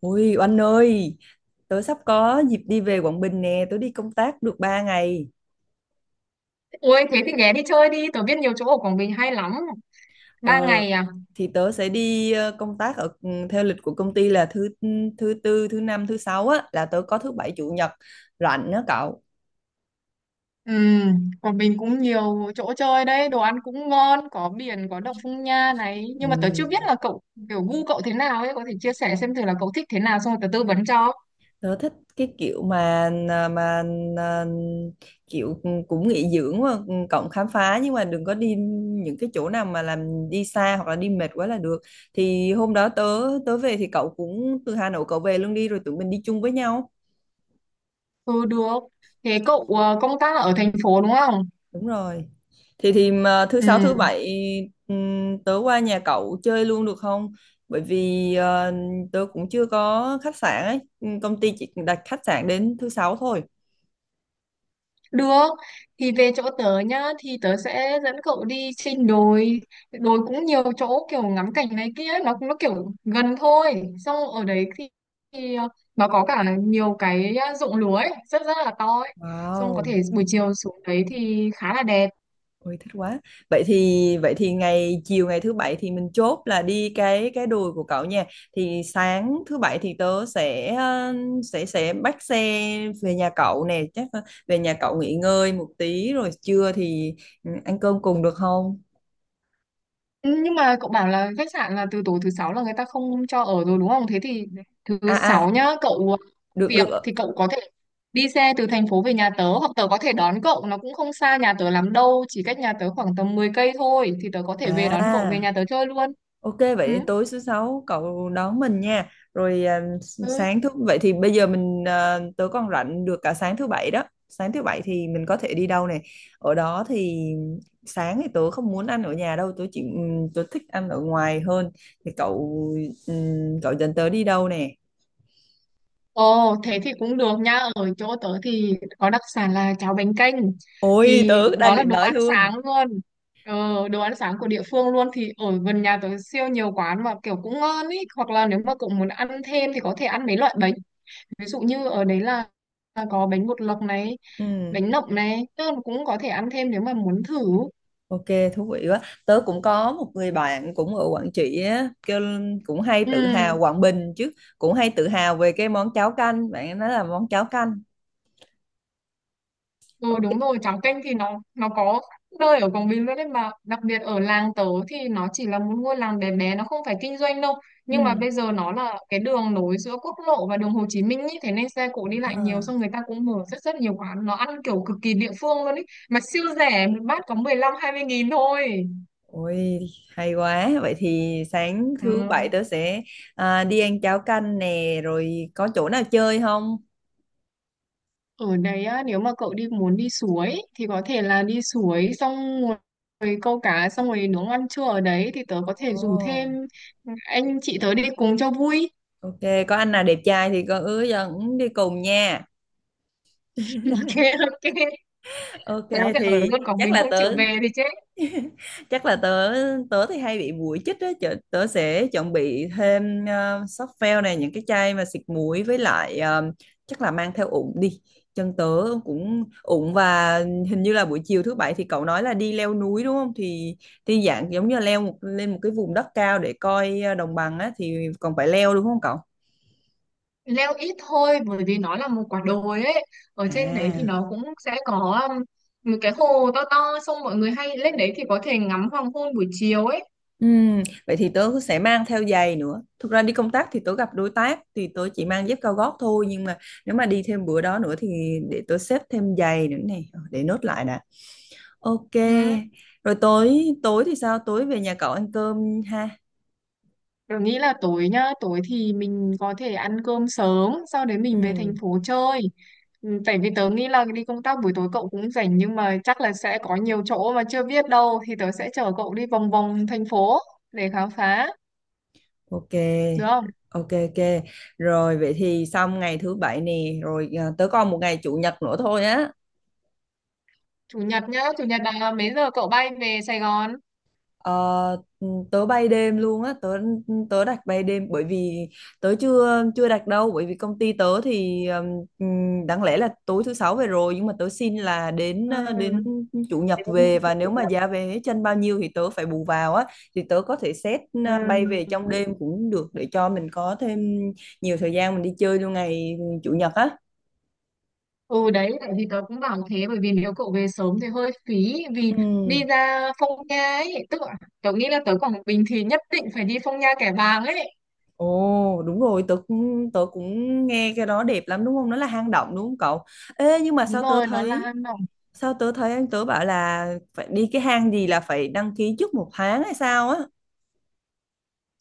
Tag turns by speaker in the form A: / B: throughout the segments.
A: Ui Oanh ơi, tớ sắp có dịp đi về Quảng Bình nè, tớ đi công tác được 3 ngày.
B: Ôi thế thì ghé đi chơi đi, tớ biết nhiều chỗ ở Quảng Bình hay lắm. Ba
A: Ờ,
B: ngày à?
A: thì tớ sẽ đi công tác ở theo lịch của công ty là thứ tư, thứ năm, thứ sáu á là tớ có thứ bảy chủ nhật rảnh đó cậu.
B: Ừ, Quảng Bình cũng nhiều chỗ chơi đấy, đồ ăn cũng ngon, có biển, có động Phong Nha này.
A: Ừ.
B: Nhưng mà tớ chưa biết là cậu, kiểu gu cậu thế nào ấy, có thể chia sẻ xem thử là cậu thích thế nào xong rồi tớ tư vấn cho.
A: Tớ thích cái kiểu mà à, mà à, kiểu ừ, cũng nghỉ dưỡng mà cộng khám phá nhưng mà đừng có đi những cái chỗ nào mà làm đi xa hoặc là đi mệt quá là được. Thì hôm đó tớ tớ về thì cậu cũng từ Hà Nội cậu về luôn đi rồi tụi mình đi chung với nhau.
B: Ừ, được. Thế cậu công tác ở thành phố đúng không?
A: Đúng rồi. Thì mà thứ sáu
B: Ừ,
A: thứ bảy tớ qua nhà cậu chơi luôn được không? Bởi vì tớ cũng chưa có khách sạn ấy, công ty chỉ đặt khách sạn đến thứ sáu thôi.
B: được, thì về chỗ tớ nhá, thì tớ sẽ dẫn cậu đi trên đồi. Đồi cũng nhiều chỗ kiểu ngắm cảnh này kia, nó kiểu gần thôi. Xong ở đấy thì, thì nó có cả nhiều cái ruộng lúa ấy, rất rất là to ấy. Xong có
A: Wow.
B: thể buổi chiều xuống đấy thì khá là đẹp.
A: Ôi thích quá. Vậy thì chiều ngày thứ bảy thì mình chốt là đi cái đùi của cậu nha. Thì sáng thứ bảy thì tớ sẽ ờ, sẽ bắt xe về nhà cậu nè, chắc là về nhà cậu nghỉ ngơi một tí rồi trưa thì ăn cơm cùng được không?
B: Ừ, nhưng mà cậu bảo là khách sạn là từ tối thứ sáu là người ta không cho ở rồi đúng không? Thế thì thứ
A: À à,
B: sáu nhá, cậu ờ,
A: được
B: việc
A: được.
B: thì cậu có thể đi xe từ thành phố về nhà tớ hoặc tớ có thể đón cậu, nó cũng không xa nhà tớ lắm đâu, chỉ cách nhà tớ khoảng tầm 10 cây thôi thì tớ có thể về đón cậu về
A: À,
B: nhà tớ chơi luôn.
A: ok,
B: Ừ.
A: vậy tối thứ sáu cậu đón mình nha. Rồi
B: Ừ.
A: sáng thứ vậy thì bây giờ tớ còn rảnh được cả sáng thứ bảy đó. Sáng thứ bảy thì mình có thể đi đâu này. Ở đó thì sáng thì tớ không muốn ăn ở nhà đâu, tớ thích ăn ở ngoài hơn. Thì cậu cậu dẫn tớ đi đâu nè?
B: Ồ, thế thì cũng được nha. Ở chỗ tớ thì có đặc sản là cháo bánh canh.
A: Ôi
B: Thì
A: tớ đang
B: đó là
A: định
B: đồ
A: nói
B: ăn
A: luôn.
B: sáng luôn. Ờ, đồ ăn sáng của địa phương luôn. Thì ở gần nhà tớ siêu nhiều quán mà kiểu cũng ngon ý. Hoặc là nếu mà cậu muốn ăn thêm thì có thể ăn mấy loại bánh. Ví dụ như ở đấy là có bánh bột lọc này,
A: Ừ.
B: bánh nậm này. Tức là cũng có thể ăn thêm nếu mà muốn thử.
A: Ok, thú vị quá. Tớ cũng có một người bạn cũng ở Quảng Trị á, kêu cũng hay
B: Ừ.
A: tự hào Quảng Bình chứ, cũng hay tự hào về cái món cháo canh, bạn ấy nói là món cháo canh.
B: Ừ
A: Ok.
B: đúng rồi, cháo canh thì nó có nơi ở Quảng Bình luôn đấy, mà đặc biệt ở làng tớ thì nó chỉ là một ngôi làng bé bé, nó không phải kinh doanh đâu, nhưng mà
A: Ừ.
B: bây giờ nó là cái đường nối giữa quốc lộ và đường Hồ Chí Minh ý, thế nên xe cộ đi lại nhiều,
A: À,
B: xong người ta cũng mở rất rất nhiều quán, nó ăn kiểu cực kỳ địa phương luôn ý, mà siêu rẻ, một bát có 15 20 nghìn thôi.
A: ôi hay quá. Vậy thì sáng thứ
B: Ừ.
A: bảy tớ sẽ đi ăn cháo canh nè, rồi có chỗ nào chơi không?
B: Ở đấy á, nếu mà cậu muốn đi suối thì có thể là đi suối xong rồi câu cá xong rồi nướng ăn trưa ở đấy thì tớ có thể rủ
A: Ồ,
B: thêm anh chị tớ đi cùng cho vui.
A: ok, có anh nào đẹp trai thì con ứa dẫn đi cùng nha.
B: Ok ok.
A: Ok,
B: Nếu thì ở
A: thì
B: luôn còn mình không chịu về thì chết.
A: chắc là tớ tớ thì hay bị muỗi chích á tớ sẽ chuẩn bị thêm softgel này những cái chai mà xịt muỗi với lại chắc là mang theo ủng đi chân tớ cũng ủng và hình như là buổi chiều thứ bảy thì cậu nói là đi leo núi đúng không thì dạng giống như là lên một cái vùng đất cao để coi đồng bằng á thì còn phải leo đúng không cậu?
B: Leo ít thôi bởi vì nó là một quả đồi ấy. Ở trên đấy thì
A: À,
B: nó cũng sẽ có một cái hồ to to, xong mọi người hay lên đấy thì có thể ngắm hoàng hôn buổi chiều ấy.
A: Vậy thì tớ sẽ mang theo giày nữa. Thực ra đi công tác thì tớ gặp đối tác thì tớ chỉ mang dép cao gót thôi nhưng mà nếu mà đi thêm bữa đó nữa thì để tớ xếp thêm giày nữa này. Ờ, để nốt lại đã. Ok.
B: Ừ.
A: Rồi tối tối thì sao? Tối về nhà cậu ăn cơm ha.
B: Tớ nghĩ là tối nhá, tối thì mình có thể ăn cơm sớm, sau đấy mình về thành
A: Ừm,
B: phố chơi. Ừ, tại vì tớ nghĩ là đi công tác buổi tối cậu cũng rảnh, nhưng mà chắc là sẽ có nhiều chỗ mà chưa biết đâu thì tớ sẽ chở cậu đi vòng vòng thành phố để khám phá, được
A: ok.
B: không?
A: Ok ok. Rồi vậy thì xong ngày thứ bảy nè, rồi tớ còn một ngày chủ nhật nữa thôi á.
B: Chủ nhật nhá, chủ nhật là mấy giờ cậu bay về Sài Gòn?
A: Ờ, tớ bay đêm luôn á tớ tớ đặt bay đêm bởi vì tớ chưa chưa đặt đâu bởi vì công ty tớ thì đáng lẽ là tối thứ sáu về rồi nhưng mà tớ xin là đến
B: Ừ.
A: ờ, đến chủ nhật
B: Đến
A: về và nếu
B: chủ
A: mà
B: nhật.
A: giá vé chân bao nhiêu thì tớ phải bù vào á thì tớ có thể xét bay về
B: Ừ.
A: trong đêm cũng được để cho mình có thêm nhiều thời gian mình đi chơi luôn ngày chủ nhật á.
B: Ừ đấy, tại vì tớ cũng bảo thế, bởi vì nếu cậu về sớm thì hơi phí, vì
A: Ừ.
B: đi ra Phong Nha ấy, tức là tớ nghĩ là tớ Quảng Bình thì nhất định phải đi Phong Nha Kẻ Bàng ấy,
A: Ồ đúng rồi tớ cũng nghe cái đó đẹp lắm đúng không, nó là hang động đúng không cậu? Ê nhưng mà
B: đúng
A: sao tớ
B: rồi nó
A: thấy
B: là...
A: sao tớ thấy anh tớ bảo là phải đi cái hang gì là phải đăng ký trước một tháng hay sao á.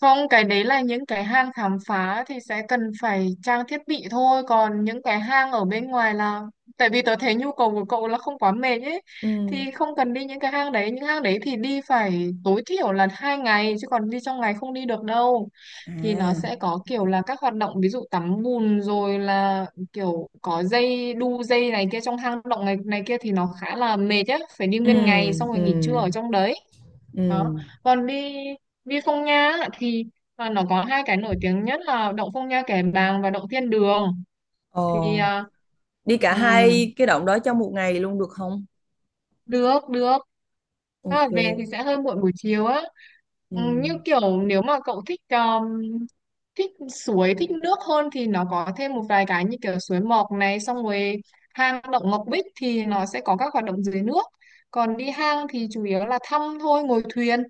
B: Không, cái đấy là những cái hang khám phá thì sẽ cần phải trang thiết bị thôi. Còn những cái hang ở bên ngoài là... Tại vì tớ thấy nhu cầu của cậu là không quá mệt ấy.
A: Ừ.
B: Thì không cần đi những cái hang đấy. Những hang đấy thì đi phải tối thiểu là 2 ngày. Chứ còn đi trong ngày không đi được đâu. Thì nó
A: À.
B: sẽ có kiểu là các hoạt động ví dụ tắm bùn rồi là kiểu có dây đu dây này kia trong hang động này, này kia thì nó khá là mệt á. Phải đi
A: Ừ.
B: nguyên ngày xong rồi
A: Ừ.
B: nghỉ trưa ở trong đấy đó.
A: Ừ.
B: Còn đi đi Phong Nha á, thì nó có hai cái nổi tiếng nhất là động Phong Nha Kẻ Bàng và động Thiên Đường, thì
A: Ồ, đi cả
B: ừm,
A: hai cái động đó trong một ngày luôn được không?
B: được được. Thế là về thì
A: Ok.
B: sẽ hơi muộn buổi chiều á.
A: Ừ.
B: Như kiểu nếu mà cậu thích thích suối thích nước hơn thì nó có thêm một vài cái như kiểu suối Mọc này, xong rồi hang động Ngọc Bích thì nó sẽ có các hoạt động dưới nước, còn đi hang thì chủ yếu là thăm thôi, ngồi thuyền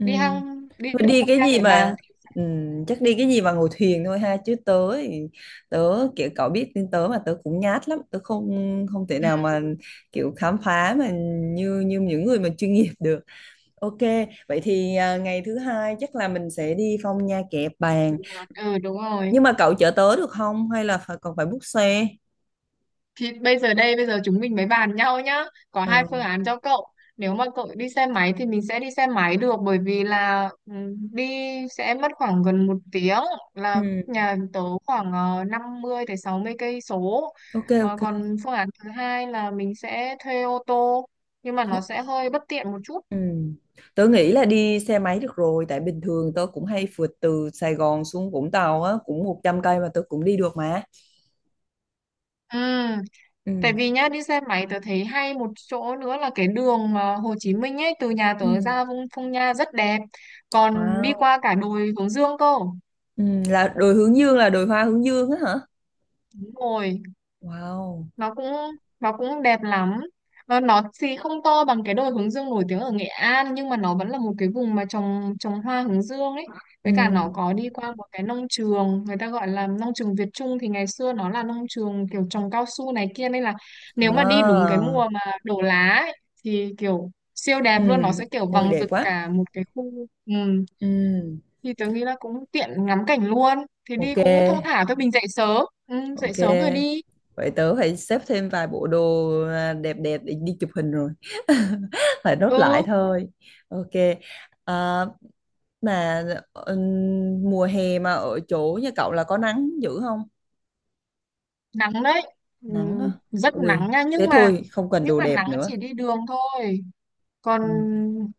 A: Ừ.
B: đi hang đi
A: Thôi
B: động
A: đi
B: Phong
A: cái
B: Nha
A: gì
B: Kẻ Bàng.
A: mà chắc đi cái gì mà ngồi thuyền thôi ha chứ tớ kiểu cậu biết tính tớ mà tớ cũng nhát lắm tớ không không thể
B: Ừ,
A: nào mà kiểu khám phá mà như như những người mà chuyên nghiệp được. Ok, vậy thì ngày thứ hai chắc là mình sẽ đi Phong Nha Kẻ
B: chủ
A: Bàng,
B: nhật đúng rồi,
A: nhưng mà cậu chở tớ được không hay là còn phải book xe?
B: thì bây giờ chúng mình mới bàn nhau nhá, có hai
A: Ờ,
B: phương án cho cậu. Nếu mà cậu đi xe máy thì mình sẽ đi xe máy được, bởi vì là đi sẽ mất khoảng gần một tiếng, là
A: ừm,
B: nhà tớ khoảng 50 tới 60 cây số.
A: ok ok.
B: Ờ, còn phương án thứ hai là mình sẽ thuê ô tô, nhưng mà
A: Thôi.
B: nó sẽ hơi bất tiện một chút.
A: Ừ. Tớ nghĩ là đi xe máy được rồi tại bình thường tớ cũng hay phượt từ Sài Gòn xuống Vũng Tàu á cũng 100 cây mà tớ cũng đi được mà.
B: Ừ.
A: Ừ.
B: Tại vì nhá đi xe máy tớ thấy hay một chỗ nữa là cái đường mà Hồ Chí Minh ấy, từ nhà
A: Ừ.
B: tớ ra Vung Phong Nha rất đẹp, còn đi
A: Wow.
B: qua cả đồi Hướng Dương cơ.
A: Ừ. Là đồi hướng dương là đồi hoa hướng dương á hả?
B: Đúng rồi,
A: Wow.
B: nó cũng nó cũng đẹp lắm, nó thì không to bằng cái đồi hướng dương nổi tiếng ở Nghệ An, nhưng mà nó vẫn là một cái vùng mà trồng trồng hoa hướng dương ấy, với cả nó
A: Ừ.
B: có đi qua một cái nông trường, người ta gọi là nông trường Việt Trung, thì ngày xưa nó là nông trường kiểu trồng cao su này kia, nên là nếu mà đi đúng cái
A: À.
B: mùa mà đổ lá ấy, thì kiểu siêu
A: Ừ.
B: đẹp luôn, nó sẽ kiểu
A: Ôi
B: vàng
A: đẹp
B: rực
A: quá.
B: cả một cái khu. Ừ.
A: Ừ.
B: Thì tớ nghĩ là cũng tiện ngắm cảnh luôn, thì đi
A: Ok
B: cũng thong thả thôi, mình dậy sớm,
A: ok,
B: dậy sớm rồi đi.
A: vậy tớ phải xếp thêm vài bộ đồ đẹp đẹp để đi chụp hình rồi. Phải nốt lại
B: Ừ.
A: thôi. Ok. à, Mà ờ, mùa hè mà ở chỗ nhà cậu là có nắng dữ không?
B: Nắng đấy.
A: Nắng á.
B: Rất
A: Ui,
B: nắng nha,
A: thế
B: nhưng mà
A: thôi, không cần
B: nhưng
A: đồ
B: mà
A: đẹp
B: nắng
A: nữa.
B: chỉ đi đường thôi, còn
A: Ừ.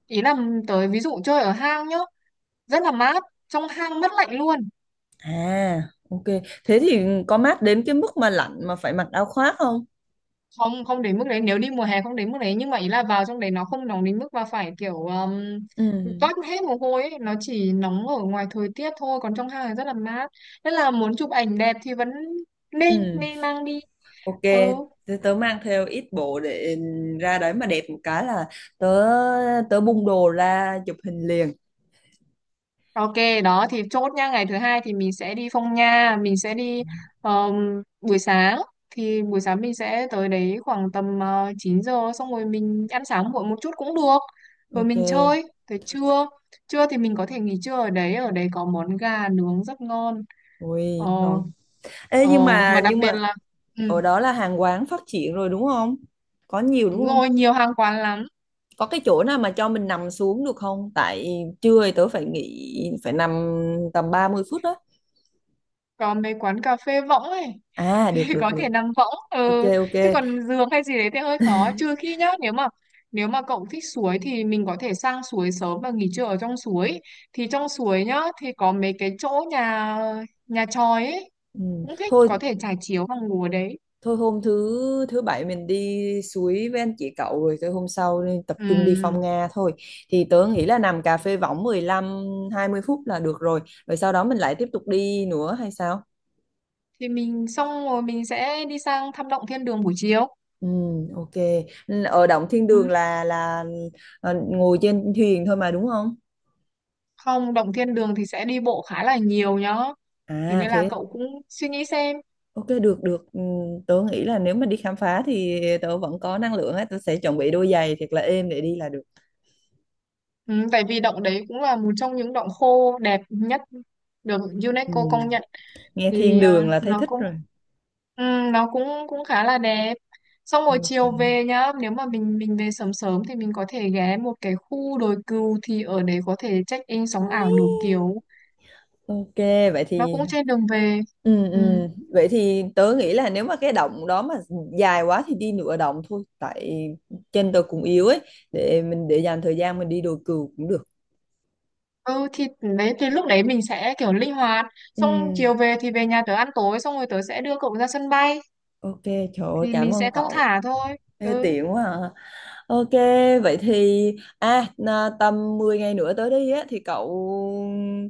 B: ý là tới ví dụ chơi ở hang nhá rất là mát, trong hang mất lạnh luôn.
A: À, ok. Thế thì có mát đến cái mức mà lạnh mà phải mặc áo khoác không?
B: Không không đến mức đấy, nếu đi mùa hè không đến mức đấy, nhưng mà ý là vào trong đấy nó không nóng đến mức mà phải kiểu
A: Ừ,
B: toát hết mồ hôi ấy. Nó chỉ nóng ở ngoài thời tiết thôi, còn trong hang thì rất là mát, nên là muốn chụp ảnh đẹp thì vẫn nên
A: ừ.
B: nên mang đi.
A: Ok,
B: Ừ.
A: thế tớ mang theo ít bộ để ra đấy mà đẹp một cái là tớ tớ bung đồ ra chụp hình liền.
B: Ok, đó thì chốt nha, ngày thứ hai thì mình sẽ đi Phong Nha, mình sẽ đi um, buổi sáng, thì buổi sáng mình sẽ tới đấy khoảng tầm 9 giờ xong rồi mình ăn sáng muộn một chút cũng được. Rồi mình
A: Ok.
B: chơi tới trưa. Trưa thì mình có thể nghỉ trưa ở đấy có món gà nướng rất ngon. Ờ
A: Ui, ngon. Ê
B: ờ
A: nhưng mà
B: mà đặc
A: nhưng
B: biệt
A: mà
B: là ừ,
A: ở đó là hàng quán phát triển rồi đúng không? Có nhiều đúng
B: đúng
A: không?
B: rồi, nhiều hàng quán lắm.
A: Có cái chỗ nào mà cho mình nằm xuống được không tại trưa thì tớ phải nghỉ phải nằm tầm 30 phút đó.
B: Có mấy quán cà phê võng ấy.
A: À,
B: Thì
A: được được
B: có thể
A: được.
B: nằm võng.
A: Ok
B: Ừ.
A: ok.
B: Chứ còn giường hay gì đấy thì hơi khó, trừ khi nhá nếu mà cậu thích suối thì mình có thể sang suối sớm và nghỉ trưa ở trong suối, thì trong suối nhá thì có mấy cái chỗ nhà nhà chòi ấy
A: Ừ.
B: cũng thích,
A: Thôi
B: có thể trải chiếu và ngủ ở đấy.
A: thôi, hôm thứ thứ bảy mình đi suối với anh chị cậu rồi tới hôm sau nên tập trung đi
B: Ừ.
A: phong Nga thôi. Thì tớ nghĩ là nằm cà phê võng 15-20 phút là được rồi, rồi sau đó mình lại tiếp tục đi nữa hay sao?
B: Thì mình xong rồi mình sẽ đi sang thăm động thiên đường buổi chiều.
A: Ừ, ok. Ở Động Thiên
B: Ừ.
A: Đường là ngồi trên thuyền thôi mà đúng không?
B: Không, động thiên đường thì sẽ đi bộ khá là nhiều nhá, thế
A: À
B: nên là
A: thế.
B: cậu cũng suy nghĩ xem.
A: Ok được được. Tớ nghĩ là nếu mà đi khám phá thì tớ vẫn có năng lượng ấy, tớ sẽ chuẩn bị đôi giày thiệt là êm để đi là được.
B: Ừ, tại vì động đấy cũng là một trong những động khô đẹp nhất được UNESCO công
A: Ừm,
B: nhận,
A: Nghe thiên
B: thì
A: đường là thấy
B: nó
A: thích
B: cũng
A: rồi.
B: ừ, cũng khá là đẹp. Xong rồi chiều
A: Ok.
B: về nhá, nếu mà mình về sớm sớm thì mình có thể ghé một cái khu đồi cừu, thì ở đấy có thể check in sóng ảo đủ
A: Ôi.
B: kiểu.
A: Ok, vậy
B: Nó cũng
A: thì
B: trên đường về.
A: ừ, ừ.
B: Ừ.
A: Vậy thì tớ nghĩ là nếu mà cái động đó mà dài quá thì đi nửa động thôi tại chân tớ cũng yếu ấy, để dành thời gian mình đi đồi cừu cũng được.
B: Ừ thì đấy thì lúc đấy mình sẽ kiểu linh hoạt,
A: Ừ.
B: xong chiều về thì về nhà tớ ăn tối, xong rồi tớ sẽ đưa cậu ra sân bay,
A: Ok, trời ơi,
B: thì
A: cảm
B: mình
A: ơn
B: sẽ thong
A: cậu.
B: thả thôi.
A: Ê,
B: Ừ.
A: tiện quá à. Ok, vậy thì tầm 10 ngày nữa tới đây á thì cậu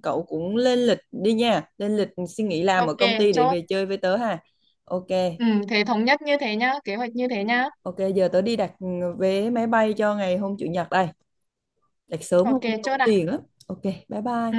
A: cậu cũng lên lịch đi nha, lên lịch xin nghỉ làm ở
B: Ok,
A: công ty để
B: chốt.
A: về chơi với tớ ha. Ok,
B: Ừ, thế thống nhất như thế nhá, kế hoạch như thế nhá.
A: ok giờ tớ đi đặt vé máy bay cho ngày hôm chủ nhật đây, đặt sớm
B: Ok,
A: không
B: chốt
A: tốn
B: ạ.
A: tiền lắm. Ok, bye bye.
B: Ừ.